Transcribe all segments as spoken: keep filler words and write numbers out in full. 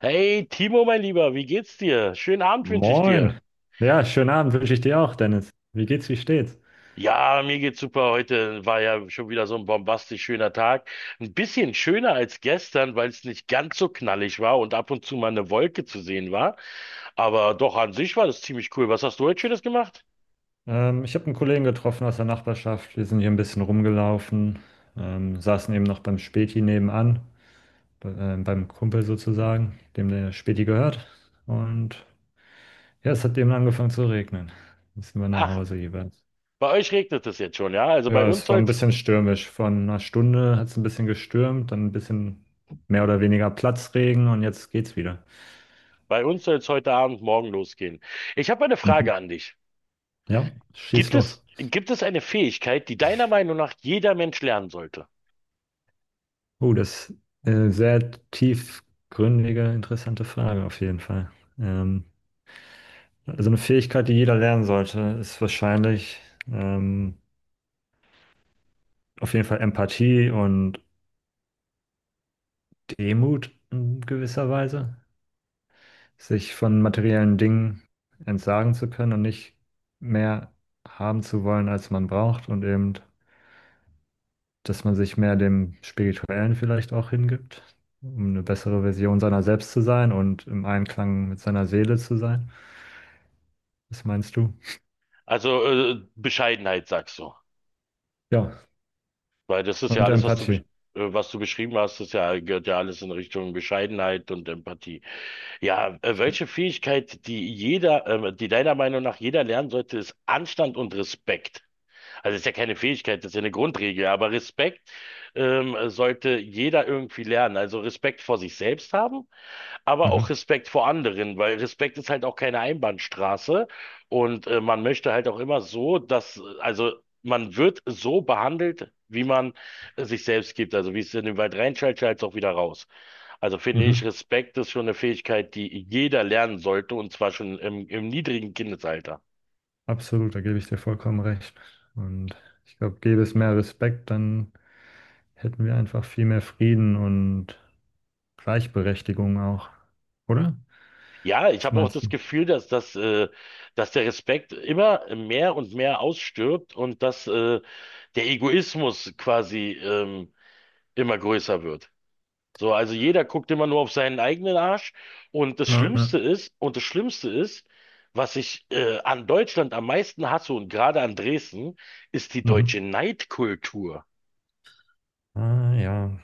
Hey Timo, mein Lieber, wie geht's dir? Schönen Abend wünsche ich dir. Moin. Ja, schönen Abend wünsche ich dir auch, Dennis. Wie geht's, wie steht's? Ja, mir geht's super. Heute war ja schon wieder so ein bombastisch schöner Tag. Ein bisschen schöner als gestern, weil es nicht ganz so knallig war und ab und zu mal eine Wolke zu sehen war. Aber doch an sich war das ziemlich cool. Was hast du heute Schönes gemacht? Ähm, ich habe einen Kollegen getroffen aus der Nachbarschaft. Wir sind hier ein bisschen rumgelaufen, ähm, saßen eben noch beim Späti nebenan, bei, äh, beim Kumpel sozusagen, dem der Späti gehört. Und ja, es hat eben angefangen zu regnen. Jetzt sind wir nach Ach, Hause jeweils. bei euch regnet es jetzt schon, ja? Also bei Ja, uns es war ein soll's, bisschen stürmisch. Von einer Stunde hat es ein bisschen gestürmt, dann ein bisschen mehr oder weniger Platzregen und jetzt geht's wieder. bei uns soll's heute Abend, morgen losgehen. Ich habe eine Frage an dich. Ja, schieß Gibt los. es, gibt es eine Fähigkeit, die deiner Meinung nach jeder Mensch lernen sollte? Oh, das ist eine sehr tiefgründige, interessante Frage auf jeden Fall. Ähm, also eine Fähigkeit, die jeder lernen sollte, ist wahrscheinlich ähm, auf jeden Fall Empathie und Demut in gewisser Weise. Sich von materiellen Dingen entsagen zu können und nicht mehr haben zu wollen, als man braucht und eben, dass man sich mehr dem Spirituellen vielleicht auch hingibt, um eine bessere Version seiner selbst zu sein und im Einklang mit seiner Seele zu sein. Was meinst du? Also äh, Bescheidenheit, sagst du. Ja, Weil das ist ja und alles, was du, besch- Empathie. äh, was du beschrieben hast, das ja, gehört ja alles in Richtung Bescheidenheit und Empathie. Ja, äh, Stimmt. welche Fähigkeit, die jeder, ähm, die deiner Meinung nach jeder lernen sollte, ist Anstand und Respekt. Also das ist ja keine Fähigkeit, das ist ja eine Grundregel, aber Respekt ähm, sollte jeder irgendwie lernen. Also Respekt vor sich selbst haben, aber auch Mhm. Respekt vor anderen, weil Respekt ist halt auch keine Einbahnstraße und äh, man möchte halt auch immer so, dass, äh, also man wird so behandelt, wie man äh, sich selbst gibt. Also wie es in den Wald reinschallt, schallt es auch wieder raus. Also finde Mhm. ich, Respekt ist schon eine Fähigkeit, die jeder lernen sollte, und zwar schon im, im niedrigen Kindesalter. Absolut, da gebe ich dir vollkommen recht. Und ich glaube, gäbe es mehr Respekt, dann hätten wir einfach viel mehr Frieden und Gleichberechtigung auch. Oder? Ja, ich Was habe auch meinst das du? Gefühl, dass das, äh, dass der Respekt immer mehr und mehr ausstirbt und dass äh, der Egoismus quasi ähm, immer größer wird. So, also jeder guckt immer nur auf seinen eigenen Arsch. Und das Ja, ja. Schlimmste ist, und das Schlimmste ist, was ich äh, an Deutschland am meisten hasse und gerade an Dresden, ist die Mhm. deutsche Neidkultur. Ah, ja,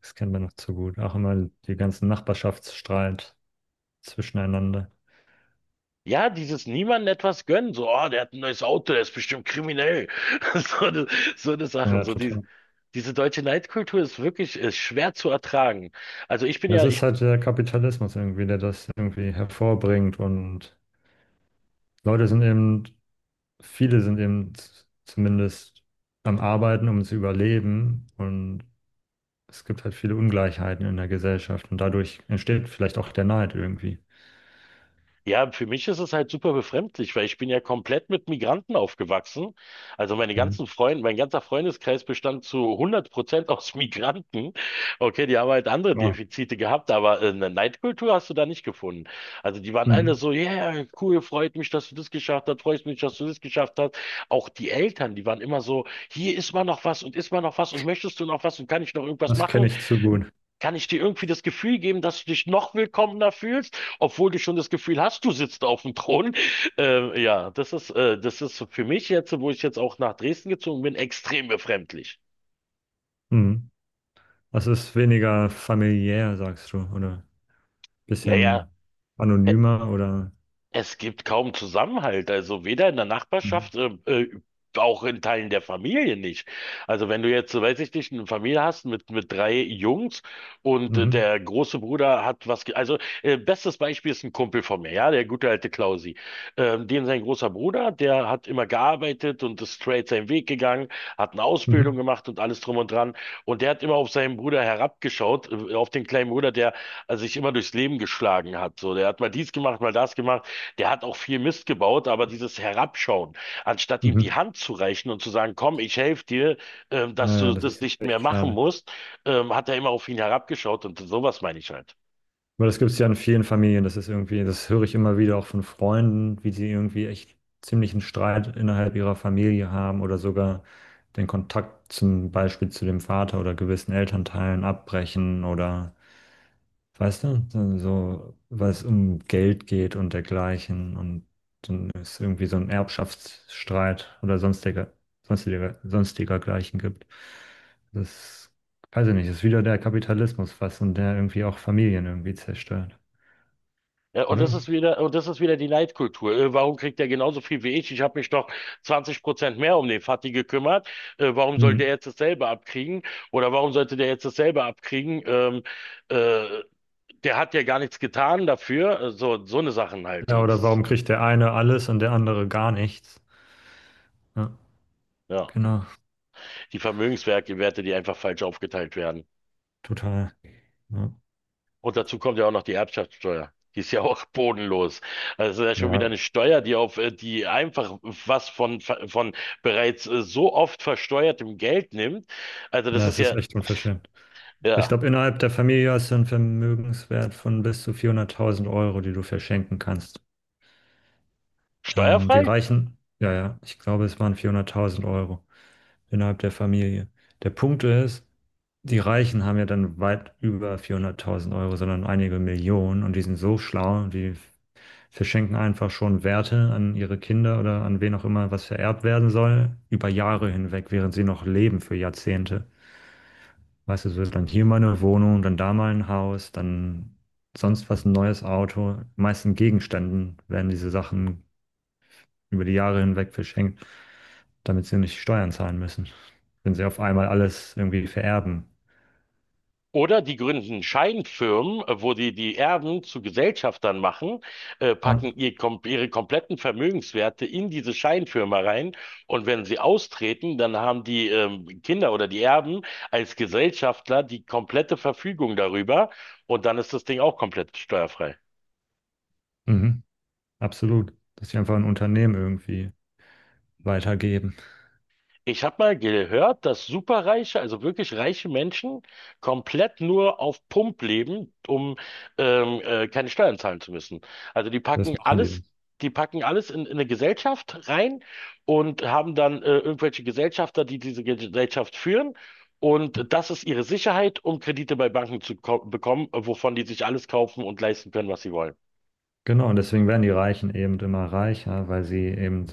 das kennen wir noch zu gut. Auch immer die ganzen Nachbarschaftsstreit zwischeneinander. Ja, dieses niemandem etwas gönnen, so, oh, der hat ein neues Auto, der ist bestimmt kriminell. So eine, so eine Sachen, Ja, so die, total. diese deutsche Neidkultur ist wirklich ist schwer zu ertragen. Also ich bin Das ja, ist ich halt der Kapitalismus irgendwie, der das irgendwie hervorbringt und Leute sind eben viele sind eben z- zumindest am Arbeiten, um zu überleben. Und es gibt halt viele Ungleichheiten in der Gesellschaft. Und dadurch entsteht vielleicht auch der Neid irgendwie. Ja, für mich ist es halt super befremdlich, weil ich bin ja komplett mit Migranten aufgewachsen. Also meine Mhm. ganzen Freunde, mein ganzer Freundeskreis bestand zu hundert Prozent aus Migranten. Okay, die haben halt andere Ja. Defizite gehabt, aber äh, eine Neidkultur hast du da nicht gefunden. Also die waren alle Mhm. so, ja, yeah, cool, freut mich, dass du das geschafft hast, freut mich, dass du das geschafft hast. Auch die Eltern, die waren immer so, hier ist mal noch was und ist mal noch was und möchtest du noch was und kann ich noch irgendwas Das kenne machen? ich zu gut. Kann ich dir irgendwie das Gefühl geben, dass du dich noch willkommener fühlst, obwohl du schon das Gefühl hast, du sitzt auf dem Thron? Äh, ja, das ist, äh, das ist für mich jetzt, wo ich jetzt auch nach Dresden gezogen bin, extrem befremdlich. Mhm. Das ist weniger familiär, sagst du, oder ein Naja. bisschen äh, anonymer oder. Es gibt kaum Zusammenhalt, also weder in der Mhm. Nachbarschaft, äh, äh, auch in Teilen der Familie nicht. Also wenn du jetzt, so weiß ich nicht, eine Familie hast mit, mit drei Jungs und äh, Mhm. der große Bruder hat was, ge- also äh, Bestes Beispiel ist ein Kumpel von mir, ja, der gute alte Klausi. Ähm, dem sein großer Bruder, der hat immer gearbeitet und ist straight seinen Weg gegangen, hat eine Ausbildung Mhm. gemacht und alles drum und dran. Und der hat immer auf seinen Bruder herabgeschaut, äh, auf den kleinen Bruder, der äh, sich immer durchs Leben geschlagen hat. So, der hat mal dies gemacht, mal das gemacht. Der hat auch viel Mist gebaut, aber dieses Herabschauen, anstatt ihm die Mhm. Hand zu reichen und zu sagen, komm, ich helfe dir, ähm, dass Naja, du das das ist nicht mehr echt machen schade. musst, ähm, hat er immer auf ihn herabgeschaut, und sowas meine ich halt. Aber das gibt es ja in vielen Familien. Das ist irgendwie, das höre ich immer wieder auch von Freunden, wie die irgendwie echt ziemlichen Streit innerhalb ihrer Familie haben oder sogar den Kontakt zum Beispiel zu dem Vater oder gewissen Elternteilen abbrechen oder, weißt du, dann so, weil es um Geld geht und dergleichen und es ist irgendwie so ein Erbschaftsstreit oder sonstiger, sonstiger, sonstiger gleichen gibt. Das, weiß ich nicht, ist wieder der Kapitalismus fast und der irgendwie auch Familien irgendwie zerstört, Ja, und das oder? ist wieder, und das ist wieder die Neidkultur. Äh, warum kriegt er genauso viel wie ich? Ich habe mich doch zwanzig Prozent mehr um den Fatih gekümmert. Äh, warum soll der Hm. jetzt dasselbe abkriegen? Oder warum sollte der jetzt dasselbe abkriegen? Ähm, äh, der hat ja gar nichts getan dafür. Äh, So, so eine Sachen halt. Ja, Äh, oder Das, warum kriegt der eine alles und der andere gar nichts? Ja, ja. genau, Die Vermögenswerte, die einfach falsch aufgeteilt werden. total. Ja, Und dazu kommt ja auch noch die Erbschaftssteuer. Die ist ja auch bodenlos. Also das ist ja schon ja. wieder eine Steuer, die auf, äh, die einfach was von, von bereits äh, so oft versteuertem Geld nimmt. Also das Na, ist es ist ja. echt unverschämt. Ich Ja, glaube, innerhalb der Familie hast du einen Vermögenswert von bis zu vierhunderttausend Euro, die du verschenken kannst. Ähm, die steuerfrei? Reichen, ja, ja, ich glaube, es waren vierhunderttausend Euro innerhalb der Familie. Der Punkt ist, die Reichen haben ja dann weit über vierhunderttausend Euro, sondern einige Millionen und die sind so schlau, die verschenken einfach schon Werte an ihre Kinder oder an wen auch immer, was vererbt werden soll, über Jahre hinweg, während sie noch leben, für Jahrzehnte. Weißt du, so ist dann hier mal eine Wohnung, dann da mal ein Haus, dann sonst was, ein neues Auto. Meistens Gegenständen werden diese Sachen über die Jahre hinweg verschenkt, damit sie nicht Steuern zahlen müssen, wenn sie auf einmal alles irgendwie vererben. Oder die gründen Scheinfirmen, äh, wo die die Erben zu Gesellschaftern machen, äh, Ah, packen ihr, kom ihre kompletten Vermögenswerte in diese Scheinfirma rein, und wenn sie austreten, dann haben die ähm, Kinder oder die Erben als Gesellschafter die komplette Verfügung darüber, und dann ist das Ding auch komplett steuerfrei. mhm, absolut. Dass sie einfach ein Unternehmen irgendwie weitergeben. Ich habe mal gehört, dass superreiche, also wirklich reiche Menschen komplett nur auf Pump leben, um ähm, äh, keine Steuern zahlen zu müssen. Also die Das packen machen die. alles, die packen alles in, in eine Gesellschaft rein und haben dann äh, irgendwelche Gesellschafter, die diese Gesellschaft führen. Und das ist ihre Sicherheit, um Kredite bei Banken zu ko- bekommen, äh, wovon die sich alles kaufen und leisten können, was sie wollen. Genau, und deswegen werden die Reichen eben immer reicher, weil sie eben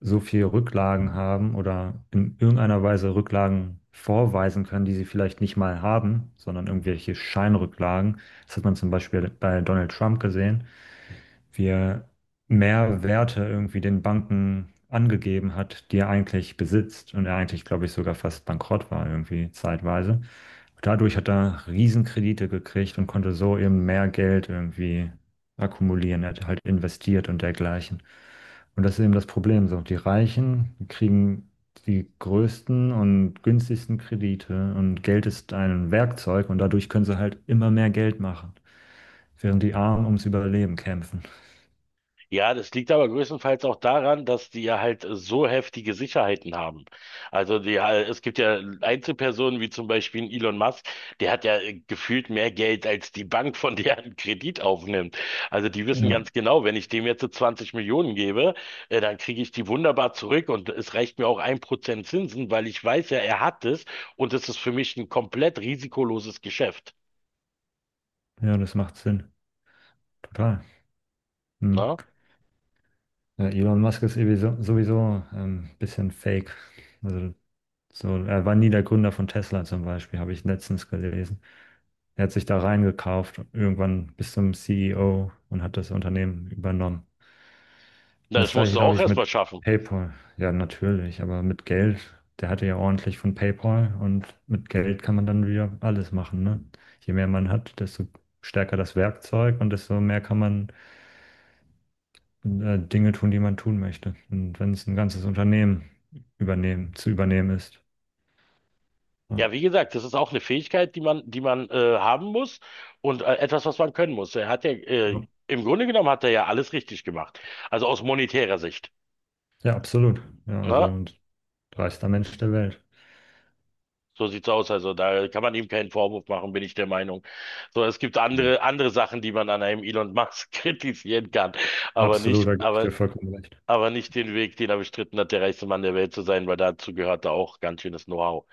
so viel Rücklagen haben oder in irgendeiner Weise Rücklagen vorweisen können, die sie vielleicht nicht mal haben, sondern irgendwelche Scheinrücklagen. Das hat man zum Beispiel bei Donald Trump gesehen, wir mehr Werte irgendwie den Banken angegeben hat, die er eigentlich besitzt und er eigentlich, glaube ich, sogar fast bankrott war irgendwie zeitweise. Dadurch hat er Riesenkredite gekriegt und konnte so eben mehr Geld irgendwie akkumulieren. Er hat halt investiert und dergleichen. Und das ist eben das Problem. So, die Reichen kriegen die größten und günstigsten Kredite und Geld ist ein Werkzeug und dadurch können sie halt immer mehr Geld machen, während die Armen ums Überleben kämpfen. Ja, das liegt aber größtenteils auch daran, dass die ja halt so heftige Sicherheiten haben. Also die, äh, es gibt ja Einzelpersonen wie zum Beispiel ein Elon Musk, der hat ja äh, gefühlt mehr Geld als die Bank, von der er einen Kredit aufnimmt. Also die Ja, wissen ja. ganz genau, wenn ich dem jetzt so zwanzig Millionen gebe, äh, dann kriege ich die wunderbar zurück, und es reicht mir auch ein Prozent Zinsen, weil ich weiß ja, er hat es, und es ist für mich ein komplett risikoloses Geschäft. Ja, das macht Sinn. Total. Hm. Ne? Ja, Elon Musk ist irgendwie so- sowieso ähm, ein bisschen fake. Also so, er war nie der Gründer von Tesla zum Beispiel, habe ich letztens gelesen. Er hat sich da reingekauft, irgendwann bis zum C E O und hat das Unternehmen übernommen. Na, Und das das musst gleiche, du glaube auch ich, mit erstmal schaffen. PayPal. Ja, natürlich, aber mit Geld. Der hatte ja ordentlich von PayPal und mit Geld kann man dann wieder alles machen, ne? Je mehr man hat, desto stärker das Werkzeug und desto mehr kann man äh, Dinge tun, die man tun möchte. Und wenn es ein ganzes Unternehmen übernehmen, zu übernehmen ist. Ja, Ja, wie gesagt, das ist auch eine Fähigkeit, die man, die man äh, haben muss und äh, etwas, was man können muss. Er hat ja, ja. äh, im Grunde genommen hat er ja alles richtig gemacht. Also aus monetärer Sicht. Ja, absolut. Ja, also Ne? und reichster Mensch der Welt. So sieht's aus. Also da kann man ihm keinen Vorwurf machen, bin ich der Meinung. So, es gibt Nee. andere, andere Sachen, die man an einem Elon Musk kritisieren kann. Aber Absolut, nicht, da gebe ich aber, dir vollkommen recht. aber nicht den Weg, den er bestritten hat, der reichste Mann der Welt zu sein, weil dazu gehört da auch ganz schönes Know-how.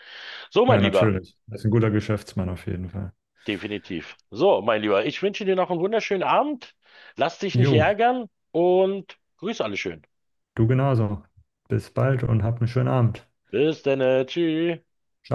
So, Ja, mein Lieber. natürlich. Das ist ein guter Geschäftsmann auf jeden Fall. Definitiv. So, mein Lieber, ich wünsche dir noch einen wunderschönen Abend. Lass dich nicht Jo, ärgern und grüß alle schön. du genauso. Bis bald und hab einen schönen Abend. Bis dann, äh, tschüss. Ciao.